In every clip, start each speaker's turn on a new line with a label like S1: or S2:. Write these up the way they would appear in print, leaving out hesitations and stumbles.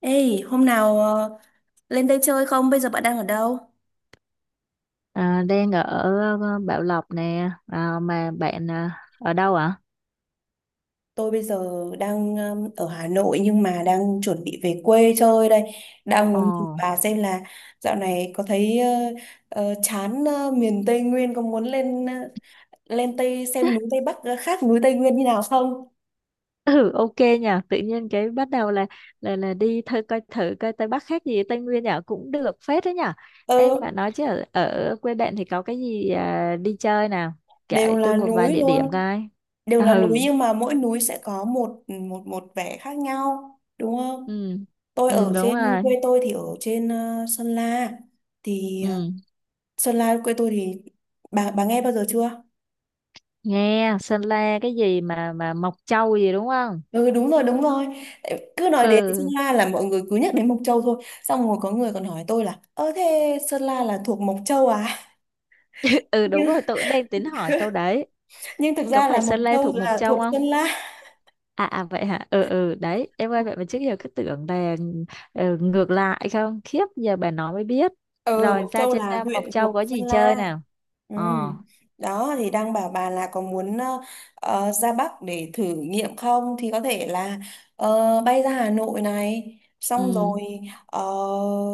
S1: Ê, hôm nào lên đây chơi không? Bây giờ bạn đang ở đâu?
S2: À, đang ở Bảo Lộc nè, à, mà bạn, à, ở đâu ạ?
S1: Tôi bây giờ đang ở Hà Nội nhưng mà đang chuẩn bị về quê chơi đây. Đang
S2: Ồ,
S1: muốn thử bà xem là dạo này có thấy chán, miền Tây Nguyên có muốn lên, lên Tây xem núi Tây Bắc khác núi Tây Nguyên như nào không?
S2: ừ, ok nha. Tự nhiên cái bắt đầu là là đi thử coi, thử coi Tây Bắc khác gì Tây Nguyên nhở, cũng được phết đấy nhở. Em
S1: Ừ,
S2: mà nói chứ ở quê bạn thì có cái gì à, đi chơi nào? Kể
S1: đều
S2: tôi
S1: là
S2: một vài
S1: núi
S2: địa điểm
S1: luôn.
S2: coi.
S1: Đều là
S2: Ừ,
S1: núi nhưng mà mỗi núi sẽ có một một một vẻ khác nhau, đúng không?
S2: ừ,
S1: Tôi
S2: ừ
S1: ở
S2: đúng
S1: trên
S2: rồi.
S1: quê tôi thì ở trên Sơn La thì,
S2: Ừ,
S1: Sơn La quê tôi thì bà nghe bao giờ chưa?
S2: nghe Sơn La cái gì mà Mộc Châu gì đúng không?
S1: Ừ đúng rồi, đúng rồi. Tại cứ nói đến Sơn
S2: Ừ,
S1: La là mọi người cứ nhắc đến Mộc Châu thôi. Xong rồi có người còn hỏi tôi là, ơ thế Sơn La là thuộc Mộc Châu à?
S2: ừ đúng
S1: Nhưng,
S2: rồi. Tôi cũng đang tính hỏi câu đấy.
S1: nhưng thực
S2: Có
S1: ra là
S2: phải
S1: Mộc
S2: Sơn La
S1: Châu
S2: thuộc Mộc
S1: là
S2: Châu
S1: thuộc
S2: không?
S1: Sơn La.
S2: À, à vậy hả, ừ ừ, đấy em ơi, vậy mà trước giờ cứ tưởng là ừ, ngược lại. Không, khiếp, giờ bà nói mới biết.
S1: Ừ,
S2: Rồi
S1: Mộc
S2: ra
S1: Châu
S2: trên
S1: là
S2: à, Mộc
S1: huyện
S2: Châu
S1: thuộc
S2: có
S1: Sơn
S2: gì chơi
S1: La.
S2: nào?
S1: Ừ.
S2: Ờ,
S1: Đó thì đang bảo bà là có muốn ra Bắc để thử nghiệm không, thì có thể là bay ra Hà Nội này xong
S2: ừ.
S1: rồi ờ,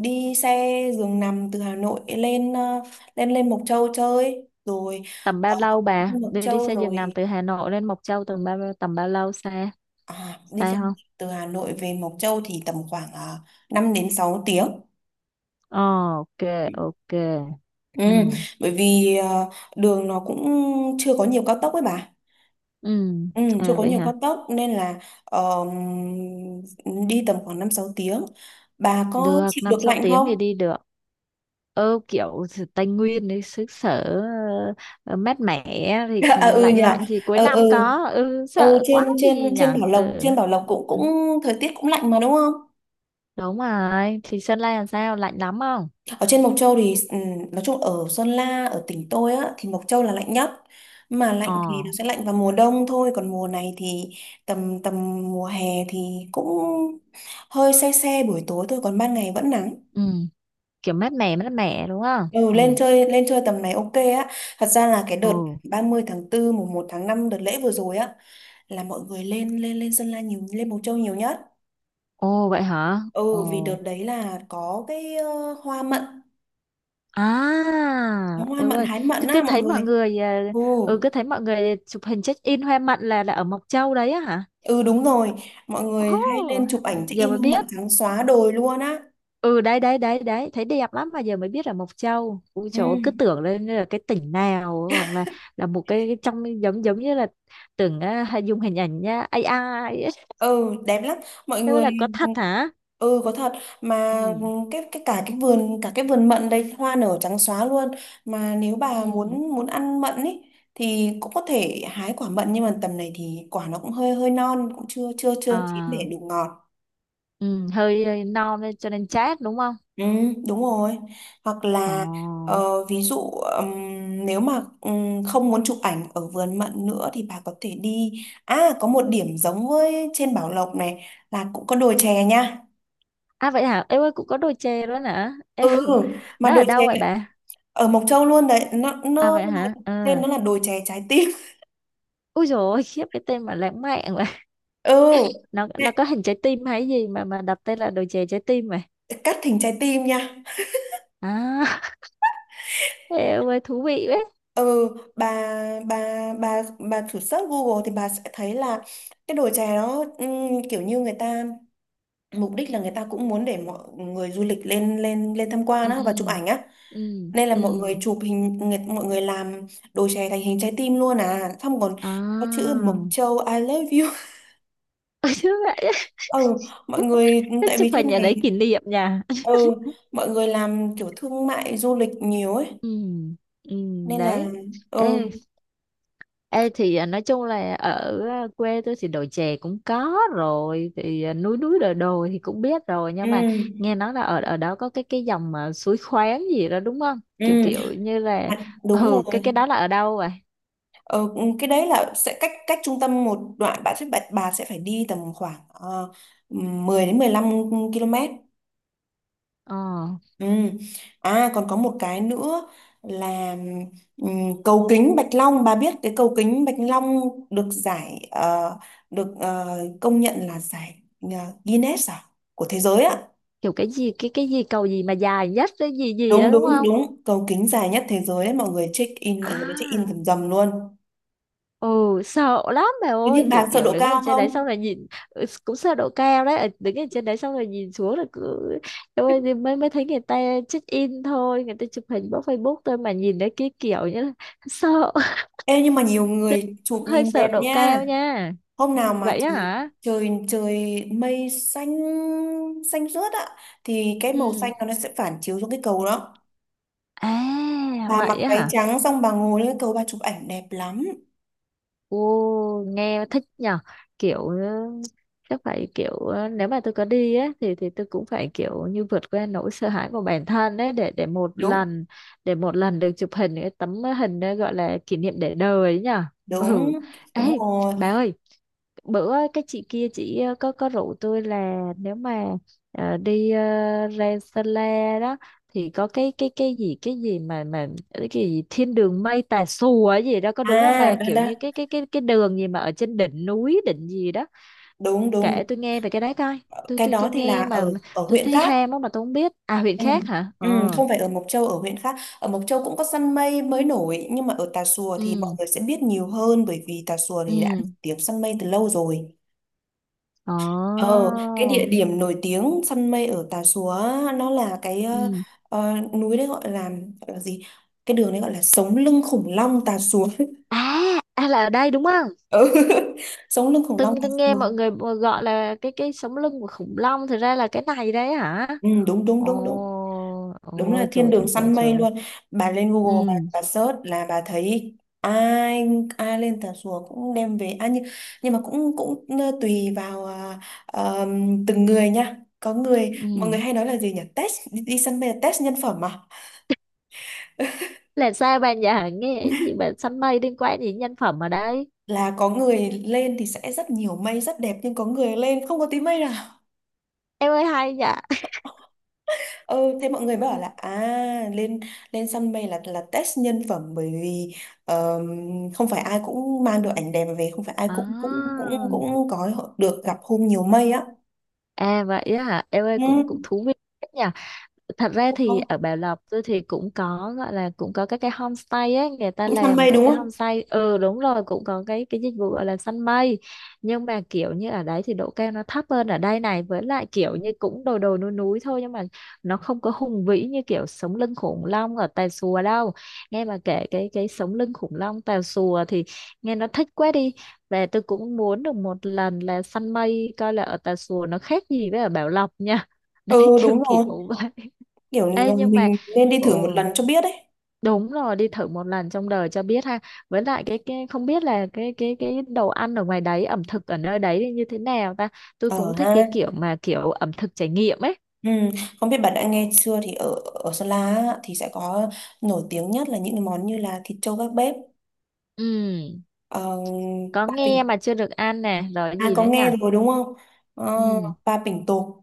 S1: đi xe giường nằm từ Hà Nội lên, ờ, lên lên Mộc Châu chơi, rồi
S2: Tầm bao
S1: ờ,
S2: lâu bà
S1: Mộc
S2: đi, đi
S1: Châu
S2: xe giường nằm
S1: rồi,
S2: từ Hà Nội lên Mộc Châu tầm bao, tầm bao lâu xe,
S1: à, đi
S2: xe
S1: xe
S2: không?
S1: từ Hà Nội về Mộc Châu thì tầm khoảng 5 đến 6 tiếng.
S2: Ờ, ok, ok,
S1: Ừ,
S2: ừ,
S1: bởi vì đường nó cũng chưa có nhiều cao tốc ấy bà.
S2: ừ,
S1: Ừ, chưa
S2: à
S1: có
S2: vậy
S1: nhiều
S2: hả.
S1: cao tốc nên là ờ, đi tầm khoảng 5 6 tiếng. Bà có
S2: Được,
S1: chịu
S2: năm
S1: được
S2: sáu
S1: lạnh
S2: tiếng
S1: không?
S2: thì đi được. Ừ, kiểu sự Tây Nguyên đấy, xứ sở ờ, mát mẻ thì
S1: À, ừ
S2: lạnh,
S1: nhờ.
S2: lạnh thì cuối
S1: Ừ, ừ.
S2: năm có ừ,
S1: Ừ,
S2: sợ
S1: trên
S2: quá
S1: trên
S2: gì nhỉ. Ừ.
S1: trên Bảo Lộc cũng
S2: Ừ,
S1: cũng thời tiết cũng lạnh mà đúng không?
S2: đúng rồi, thì Sơn La làm sao, lạnh lắm không?
S1: Ở trên Mộc Châu thì, ừ, nói chung ở Sơn La, ở tỉnh tôi á thì Mộc Châu là lạnh nhất. Mà
S2: Ờ,
S1: lạnh thì nó sẽ lạnh vào mùa đông thôi, còn mùa này thì tầm tầm mùa hè thì cũng hơi se se buổi tối thôi, còn ban ngày vẫn nắng.
S2: ừ. Kiểu mát mẻ, mát mẻ đúng không?
S1: Ừ,
S2: Ừ,
S1: lên chơi tầm này ok á. Thật ra là cái
S2: ồ.
S1: đợt 30/4 1/5 đợt lễ vừa rồi á là mọi người lên lên lên Sơn La nhiều, lên Mộc Châu nhiều nhất.
S2: Ồ vậy hả.
S1: Ừ vì đợt
S2: Ồ,
S1: đấy là có cái hoa mận, có
S2: à
S1: hoa
S2: yêu
S1: mận
S2: ơi,
S1: hái mận
S2: cứ cứ
S1: á mọi
S2: thấy mọi
S1: người.
S2: người ờ,
S1: Ừ.
S2: ừ cứ thấy mọi người chụp hình check in hoa mận là ở Mộc Châu đấy á hả.
S1: Ừ đúng rồi, mọi người hay
S2: Oh,
S1: lên chụp ảnh check
S2: giờ
S1: in
S2: mới
S1: hoa mận
S2: biết.
S1: trắng xóa đồi luôn á.
S2: Ừ, đấy đấy đấy đấy, thấy đẹp lắm mà giờ mới biết là Mộc Châu. Ui
S1: Ừ.
S2: trời ơi, cứ tưởng lên là cái tỉnh nào hoặc là một cái trong giống giống như là tưởng à, hay dùng hình ảnh nhá AI ấy.
S1: Ừ đẹp lắm mọi
S2: Thế
S1: người.
S2: là có thật hả?
S1: Ừ có thật, mà
S2: Ừ,
S1: cái cả cái vườn mận đây hoa nở trắng xóa luôn, mà nếu bà
S2: ừ,
S1: muốn muốn ăn mận ấy thì cũng có thể hái quả mận, nhưng mà tầm này thì quả nó cũng hơi hơi non cũng chưa chưa chưa chín
S2: à
S1: để đủ ngọt.
S2: ừ. Hơi, hơi non nên cho nên chát đúng không?
S1: Ừ đúng rồi. Hoặc
S2: Ồ,
S1: là, ví dụ, nếu mà không muốn chụp ảnh ở vườn mận nữa thì bà có thể đi, à có một điểm giống với trên Bảo Lộc này là cũng có đồi chè nha.
S2: à vậy hả em ơi, cũng có đôi chè đó hả em.
S1: Ừ, mà
S2: Nó ở
S1: đồi
S2: đâu
S1: chè
S2: vậy
S1: này,
S2: bà?
S1: ở Mộc Châu luôn đấy, nó
S2: À
S1: nó
S2: vậy hả,
S1: là-
S2: ừ.
S1: tên nó là đồi chè trái tim.
S2: Ui, rồi khiếp, cái tên mà lãng mạn.
S1: Ừ.
S2: nó
S1: Nè,
S2: nó có hình trái tim hay gì mà đặt tên là đồ chè trái tim mà?
S1: cắt thành trái tim nha.
S2: À, em ơi thú vị đấy.
S1: Ừ. bà bà bà thử search Google thì bà sẽ thấy là cái đồi chè đó, kiểu như người ta, mục đích là người ta cũng muốn để mọi người du lịch lên lên lên tham quan
S2: Ừ,
S1: á và chụp ảnh á,
S2: ừ,
S1: nên là
S2: ừ,
S1: mọi người chụp hình người, mọi người làm đồi chè thành hình trái tim luôn, à xong còn có chữ
S2: à.
S1: Mộc Châu I love you.
S2: Ôi, chứ vậy á.
S1: Ừ, mọi người
S2: Cái
S1: tại
S2: chụp
S1: vì thế
S2: hình ở
S1: này,
S2: đấy kỷ niệm nha.
S1: ừ mọi người làm kiểu thương mại du lịch nhiều ấy
S2: Ừ, ừ,
S1: nên
S2: đấy.
S1: là, ừ,
S2: Ê, ê thì à, nói chung là ở à, quê tôi thì đồi chè cũng có rồi, thì à, núi núi đồi đồi thì cũng biết rồi nhưng mà
S1: ừ,
S2: nghe nói là ở ở đó có cái dòng mà suối khoáng gì đó đúng không,
S1: ừ,
S2: kiểu kiểu như là.
S1: à đúng
S2: Ừ, cái
S1: rồi.
S2: cái đó là ở đâu vậy?
S1: Ờ, ừ, cái đấy là sẽ cách cách trung tâm một đoạn, bạn sẽ, bà sẽ phải đi tầm khoảng uh, 10 đến 15 km.
S2: Ờ,
S1: Ừ. À còn có một cái nữa là, cầu kính Bạch Long, bà biết cái cầu kính Bạch Long được giải, được công nhận là giải ờ, Guinness à của thế giới ạ.
S2: kiểu cái gì, cái gì cầu gì mà dài nhất cái gì gì
S1: Đúng
S2: đó đúng
S1: đúng
S2: không?
S1: đúng, cầu kính dài nhất thế giới đấy, mọi người check in, mọi người đã check in
S2: À,
S1: rầm rầm luôn.
S2: ừ. Sợ lắm mẹ
S1: Thế
S2: ơi,
S1: nhưng
S2: kiểu
S1: bà sợ
S2: kiểu
S1: độ
S2: đứng ở
S1: cao
S2: trên đấy xong
S1: không?
S2: rồi nhìn ừ, cũng sợ độ cao đấy. Ờ, đứng ở trên đấy xong rồi nhìn xuống là cứ. Em ơi, thì mới, mới thấy người ta check in thôi, người ta chụp hình bóc Facebook thôi mà nhìn đấy cái kiểu như là sợ.
S1: Ê nhưng mà nhiều người
S2: Cũng
S1: chụp
S2: hơi
S1: nhìn
S2: sợ
S1: đẹp
S2: độ
S1: nha.
S2: cao nha.
S1: Hôm
S2: Ừ,
S1: nào mà
S2: vậy á
S1: trời
S2: hả.
S1: trời trời mây xanh xanh rớt ạ thì cái màu
S2: Ừ,
S1: xanh nó sẽ phản chiếu xuống cái cầu đó,
S2: à
S1: bà
S2: vậy
S1: mặc
S2: á
S1: váy
S2: hả.
S1: trắng xong bà ngồi lên cái cầu bà chụp ảnh đẹp lắm.
S2: Ồ, nghe thích nhở. Kiểu ừ, chắc phải kiểu ừ, nếu mà tôi có đi á thì tôi cũng phải kiểu như vượt qua nỗi sợ hãi của bản thân đấy, để
S1: Đúng.
S2: để một lần được chụp hình cái tấm hình đó gọi là kỷ niệm để đời ấy nhở.
S1: Đúng.
S2: Ừ,
S1: Đúng
S2: ấy.
S1: rồi.
S2: Bà ơi, bữa cái chị kia, chị ờ, có rủ tôi là nếu mà ờ, đi ờ, ra Sơn La đó, thì có cái cái gì, cái gì mà cái gì thiên đường mây Tà Xùa ấy gì đó, có đúng
S1: À
S2: không bà,
S1: đó
S2: kiểu
S1: đó.
S2: như cái cái đường gì mà ở trên đỉnh núi đỉnh gì đó.
S1: Đúng đúng,
S2: Kể
S1: đúng.
S2: tôi nghe về cái đấy coi. tôi
S1: Cái
S2: tôi tôi
S1: đó thì là
S2: nghe mà
S1: ở ở
S2: tôi
S1: huyện
S2: thấy
S1: khác.
S2: ham á mà tôi không biết. À huyện
S1: Ừ.
S2: khác hả, ờ,
S1: Ừ, không phải ở Mộc Châu, ở huyện khác, ở Mộc Châu cũng có săn mây mới nổi nhưng mà ở Tà Xùa thì mọi
S2: ừ
S1: người sẽ biết nhiều hơn, bởi vì Tà Xùa
S2: ừ,
S1: thì đã nổi tiếng săn mây từ lâu rồi.
S2: ồ,
S1: Ờ cái địa điểm nổi tiếng săn mây ở Tà Xùa á, nó là cái,
S2: ừ,
S1: núi đấy gọi là gì, cái đường đấy gọi là sống lưng khủng long Tà Xùa.
S2: à, à là ở đây đúng không?
S1: Ừ. Sống lưng khủng
S2: tôi
S1: long Cà
S2: tôi nghe mọi
S1: Phường.
S2: người gọi là cái sống lưng của khủng long, thực ra là cái này đấy hả?
S1: Ừ, đúng đúng
S2: Ồ,
S1: đúng đúng. Đúng là
S2: ôi
S1: thiên
S2: trời
S1: đường
S2: trời trời
S1: săn mây
S2: trời.
S1: luôn. Bà lên Google,
S2: Ừ,
S1: bà search là bà thấy, ai ai lên Tà Xùa cũng đem về, à nhưng mà cũng cũng tùy vào, à, ờ, từng người nha. Có người, mọi người
S2: ừ,
S1: hay nói là gì nhỉ, test đi, đi săn mây là test nhân phẩm mà.
S2: là sao bạn, dạ nghe cái gì bạn, săn mây liên quan gì đến nhân phẩm ở đây?
S1: Là có người lên thì sẽ rất nhiều mây rất đẹp nhưng có người lên không có tí mây.
S2: Em ơi, hay dạ.
S1: Ừ, thế mọi người mới bảo là à, lên lên săn mây là test nhân phẩm, bởi vì ờm, không phải ai cũng mang được ảnh đẹp về, không phải ai cũng cũng cũng
S2: À,
S1: cũng có được gặp hôm nhiều mây á.
S2: à vậy á hả em ơi, cũng
S1: Ừ,
S2: cũng thú vị nhỉ. Thật ra
S1: đúng
S2: thì
S1: rồi.
S2: ở Bảo Lộc tôi thì cũng có, gọi là cũng có các cái homestay ấy, người ta
S1: Cũng săn
S2: làm
S1: mây
S2: các
S1: đúng
S2: cái
S1: không?
S2: homestay, ừ đúng rồi, cũng có cái dịch vụ gọi là săn mây. Nhưng mà kiểu như ở đấy thì độ cao nó thấp hơn ở đây này, với lại kiểu như cũng đồi đồi núi núi thôi, nhưng mà nó không có hùng vĩ như kiểu sống lưng khủng long ở Tà Xùa đâu. Nghe bà kể cái sống lưng khủng long Tà Xùa thì nghe nó thích quá đi. Và tôi cũng muốn được một lần là săn mây coi là ở Tà Xùa nó khác gì với ở Bảo Lộc nha. Đấy,
S1: Ừ
S2: kiểu
S1: đúng rồi,
S2: kiểu vậy.
S1: kiểu
S2: Ê nhưng mà
S1: mình nên đi
S2: ừ,
S1: thử một lần cho biết đấy.
S2: đúng rồi, đi thử một lần trong đời cho biết ha. Với lại cái không biết là cái đồ ăn ở ngoài đấy, ẩm thực ở nơi đấy thì như thế nào ta. Tôi
S1: Ờ
S2: cũng thích cái
S1: ha.
S2: kiểu mà kiểu ẩm thực trải nghiệm ấy.
S1: Ừ. Không biết bạn đã nghe chưa, thì ở ở Sơn La á, thì sẽ có nổi tiếng nhất là những cái món như là thịt trâu gác bếp,
S2: Ừ,
S1: ờ,
S2: có
S1: ba
S2: nghe
S1: bình,
S2: mà chưa được ăn nè, rồi cái
S1: à
S2: gì
S1: có
S2: nữa nhỉ?
S1: nghe rồi đúng không. Ờ,
S2: Ừ,
S1: ba bình tộp.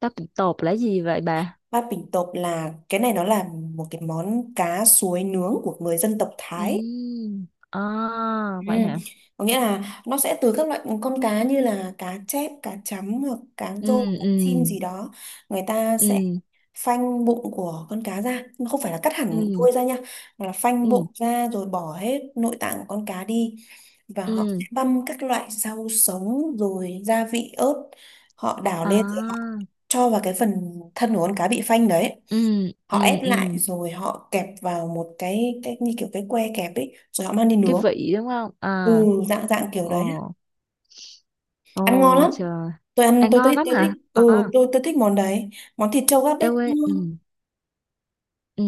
S2: tóc tộp là gì vậy bà?
S1: Bát Bình Tộp là cái này nó là một cái món cá suối nướng của người dân tộc Thái.
S2: Ừ. À,
S1: Ừ.
S2: vậy hả?
S1: Có nghĩa là nó sẽ từ các loại con cá như là cá chép, cá chấm hoặc cá
S2: Ừ,
S1: rô, cá
S2: ừ,
S1: chim gì đó. Người ta sẽ
S2: ừ,
S1: phanh bụng của con cá ra, không phải là cắt hẳn
S2: ừ,
S1: đuôi ra nha, mà là phanh
S2: ừ,
S1: bụng ra rồi bỏ hết nội tạng của con cá đi. Và họ
S2: ừ.
S1: sẽ băm các loại rau sống rồi gia vị ớt, họ đảo lên rồi họ
S2: À.
S1: cho vào cái phần thân của con cá bị phanh đấy,
S2: Ừ,
S1: họ
S2: ừ,
S1: ép lại
S2: ừ.
S1: rồi họ kẹp vào một cái như kiểu cái que kẹp ấy rồi họ mang đi
S2: Cái
S1: nướng.
S2: vị đúng không?
S1: Ừ,
S2: À.
S1: dạng dạng kiểu đấy á.
S2: Ồ.
S1: Ăn ngon
S2: Ồ
S1: lắm.
S2: trời.
S1: Tôi ăn
S2: À,
S1: tôi
S2: ngon
S1: tôi,
S2: lắm
S1: tôi thích
S2: hả?
S1: ừ.
S2: À,
S1: Tôi thích món đấy, món thịt trâu gác bếp
S2: eo ơi,
S1: cũng
S2: ừ,
S1: ngon.
S2: ừ.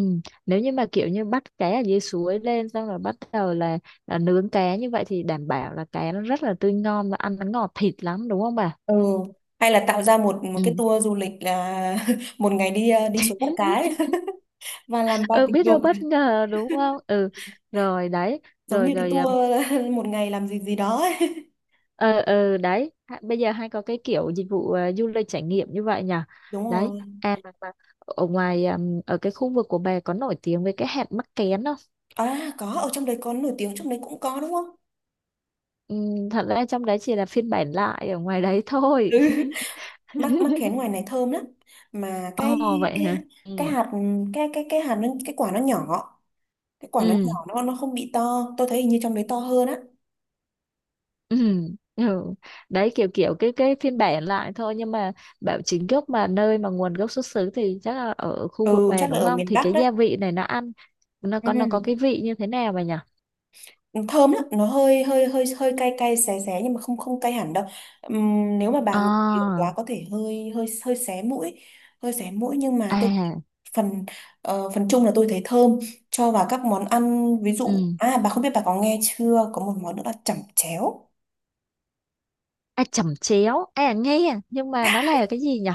S2: Nếu như mà kiểu như bắt cá ở dưới suối lên xong rồi bắt đầu là nướng cá như vậy thì đảm bảo là cá nó rất là tươi ngon và ăn nó ngọt thịt lắm đúng không bà?
S1: Ừ, hay là tạo ra một một cái
S2: Ừ.
S1: tour du lịch là một ngày đi đi xuống bắt cá ấy. Và làm ba
S2: Ừ,
S1: tình
S2: biết
S1: dục
S2: đâu bất ngờ đúng không? Ừ. Rồi đấy,
S1: giống
S2: rồi
S1: như cái
S2: rồi, ờ,
S1: tour một ngày làm gì gì đó ấy.
S2: ờ, ờ, đấy. Ha- bây giờ hay có cái kiểu dịch vụ ờ, du lịch trải nghiệm như vậy nhỉ?
S1: Đúng
S2: Đấy.
S1: rồi.
S2: À mà ở ngoài ở cái khu vực của bà có nổi tiếng với cái hạt mắc kén không?
S1: À có, ở trong đấy có nổi tiếng, trong đấy cũng có đúng không.
S2: Ừ, thật ra trong đấy chỉ là phiên bản lại ở ngoài đấy thôi.
S1: Ừ, mắc mắc khén ngoài này thơm lắm, mà
S2: Ồ vậy
S1: cái
S2: hả?
S1: cái
S2: Ừ.
S1: hạt cái hạt nó, cái quả nó nhỏ, cái quả nó
S2: Ừ.
S1: nhỏ, nó không bị to, tôi thấy hình như trong đấy to hơn á.
S2: Ừ. Ừ. Đấy, kiểu kiểu cái phiên bản lại thôi, nhưng mà bảo chính gốc mà nơi mà nguồn gốc xuất xứ thì chắc là ở khu vực
S1: Ừ
S2: về
S1: chắc là
S2: đúng
S1: ở
S2: không?
S1: miền
S2: Thì
S1: Bắc
S2: cái
S1: đấy.
S2: gia vị này nó ăn, nó có, nó có
S1: Ừ.
S2: cái vị như thế nào vậy nhỉ?
S1: Thơm lắm, nó hơi hơi hơi hơi cay cay xé xé, nhưng mà không không cay hẳn đâu. Nếu mà bà ngửi nhiều
S2: À,
S1: quá có thể hơi hơi hơi xé mũi, hơi xé mũi, nhưng mà tôi
S2: à,
S1: phần, phần chung là tôi thấy thơm, cho vào các món ăn ví dụ.
S2: ừ.
S1: À bà không biết bà có nghe chưa, có một món nữa là chẩm chéo.
S2: À, chẩm chéo. À nghe, nhưng mà nó là cái gì nhỉ?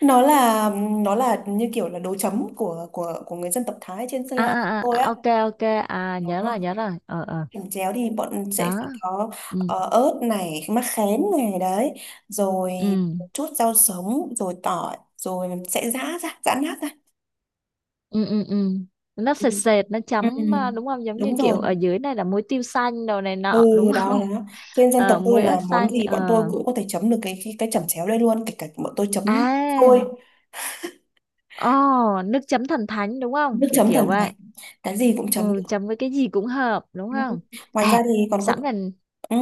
S1: Nó là, nó là như kiểu là đồ chấm của của người dân tộc Thái trên Sơn
S2: À,
S1: La của
S2: à,
S1: tôi
S2: à, à,
S1: á.
S2: ok, ok, à nhớ
S1: Đó,
S2: rồi, nhớ rồi. Ờ ờ.
S1: làm chéo thì bọn sẽ
S2: Đó.
S1: có,
S2: Ừ,
S1: ớt này, mắc khén này, đấy rồi,
S2: ừ.
S1: một chút rau sống rồi tỏi, rồi sẽ giã ra, giã nát ra.
S2: Ừ, ừ, ừ. Nó
S1: Ừ.
S2: sệt sệt, nó
S1: Ừ.
S2: chấm à, đúng không, giống như
S1: Đúng rồi.
S2: kiểu ở dưới này là muối tiêu xanh đồ này
S1: Ừ
S2: nọ đúng
S1: đó
S2: không?
S1: đó. Trên dân tộc
S2: Ờ,
S1: tôi
S2: muối ớt
S1: là món
S2: xanh,
S1: gì
S2: ờ,
S1: bọn tôi cũng có thể chấm được cái chẩm chéo đây luôn, kể cả bọn tôi chấm
S2: à.
S1: thôi.
S2: Oh, nước chấm thần thánh đúng không,
S1: Nước
S2: kiểu
S1: chấm
S2: kiểu
S1: thần
S2: vậy.
S1: thái, cái gì cũng chấm
S2: Ừ,
S1: được.
S2: chấm với cái gì cũng hợp đúng
S1: Ừ.
S2: không?
S1: Ngoài ra
S2: À,
S1: thì còn có,
S2: sẵn mình,
S1: ừ,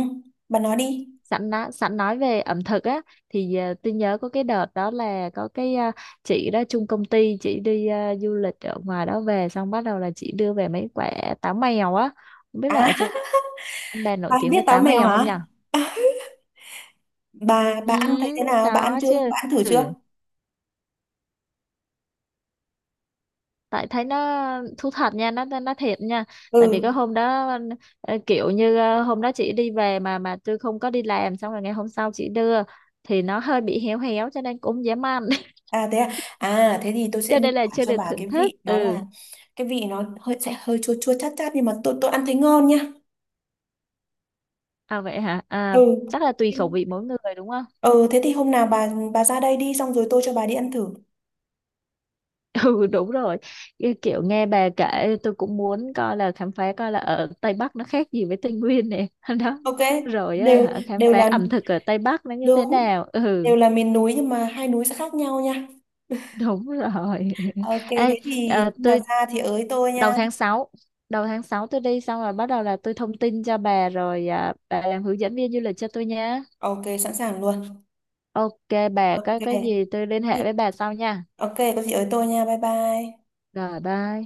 S1: bà nói đi.
S2: sẵn đã, sẵn nói về ẩm thực á, thì à, tôi nhớ có cái đợt đó là có cái à, chị đó chung công ty, chị đi à, du lịch ở ngoài đó về xong bắt đầu là chị đưa về mấy quả táo mèo á. Không biết là ở
S1: À,
S2: trên Đan nổi
S1: bà
S2: tiếng
S1: biết
S2: với
S1: táo
S2: tám
S1: mèo
S2: mèo không
S1: hả?
S2: nhở?
S1: bà
S2: Ừ,
S1: bà ăn thấy thế nào? Bà ăn
S2: có
S1: chưa?
S2: chứ.
S1: Bà ăn thử chưa?
S2: Ừ. Tại thấy nó, thú thật nha, nó thiệt nha. Tại vì cái
S1: Ừ.
S2: hôm đó ờ, kiểu như ờ, hôm đó chị đi về mà tôi không có đi làm, xong rồi ngày hôm sau chị đưa thì nó hơi bị héo héo cho nên cũng không dám ăn.
S1: À thế à? À thế thì tôi sẽ
S2: Cho
S1: miêu
S2: nên là
S1: tả
S2: chưa
S1: cho
S2: được
S1: bà
S2: thưởng
S1: cái
S2: thức.
S1: vị nó
S2: Ừ.
S1: là, cái vị nó hơi sẽ hơi chua chua chát chát, nhưng mà tôi ăn thấy ngon nha.
S2: À vậy hả? À,
S1: Ừ.
S2: chắc là tùy khẩu vị mỗi người đúng không?
S1: Ừ thế thì hôm nào bà ra đây đi xong rồi tôi cho bà đi ăn thử.
S2: Ừ, đúng rồi. Cái kiểu nghe bà kể tôi cũng muốn coi là khám phá coi là ở Tây Bắc nó khác gì với Tây Nguyên này. Đó
S1: Ok.
S2: rồi á,
S1: Đều
S2: hả, khám
S1: đều
S2: phá
S1: là,
S2: ẩm thực ở Tây Bắc nó như thế
S1: đúng.
S2: nào. Ừ,
S1: Đều là miền núi nhưng mà 2 núi sẽ khác nhau nha.
S2: đúng rồi.
S1: Ok thế
S2: Ê,
S1: thì
S2: ờ,
S1: khi nào
S2: tôi
S1: ra thì ới tôi
S2: đầu
S1: nha.
S2: tháng 6 đầu tháng 6 tôi đi, xong rồi bắt đầu là tôi thông tin cho bà, rồi à, bà làm hướng dẫn viên du lịch cho tôi nha.
S1: Ok sẵn sàng luôn.
S2: Ok, bà
S1: Ok.
S2: có cái gì tôi liên
S1: Có
S2: hệ
S1: gì-
S2: với bà sau nha.
S1: Ok, có gì ở tôi nha. Bye bye.
S2: Rồi, bye.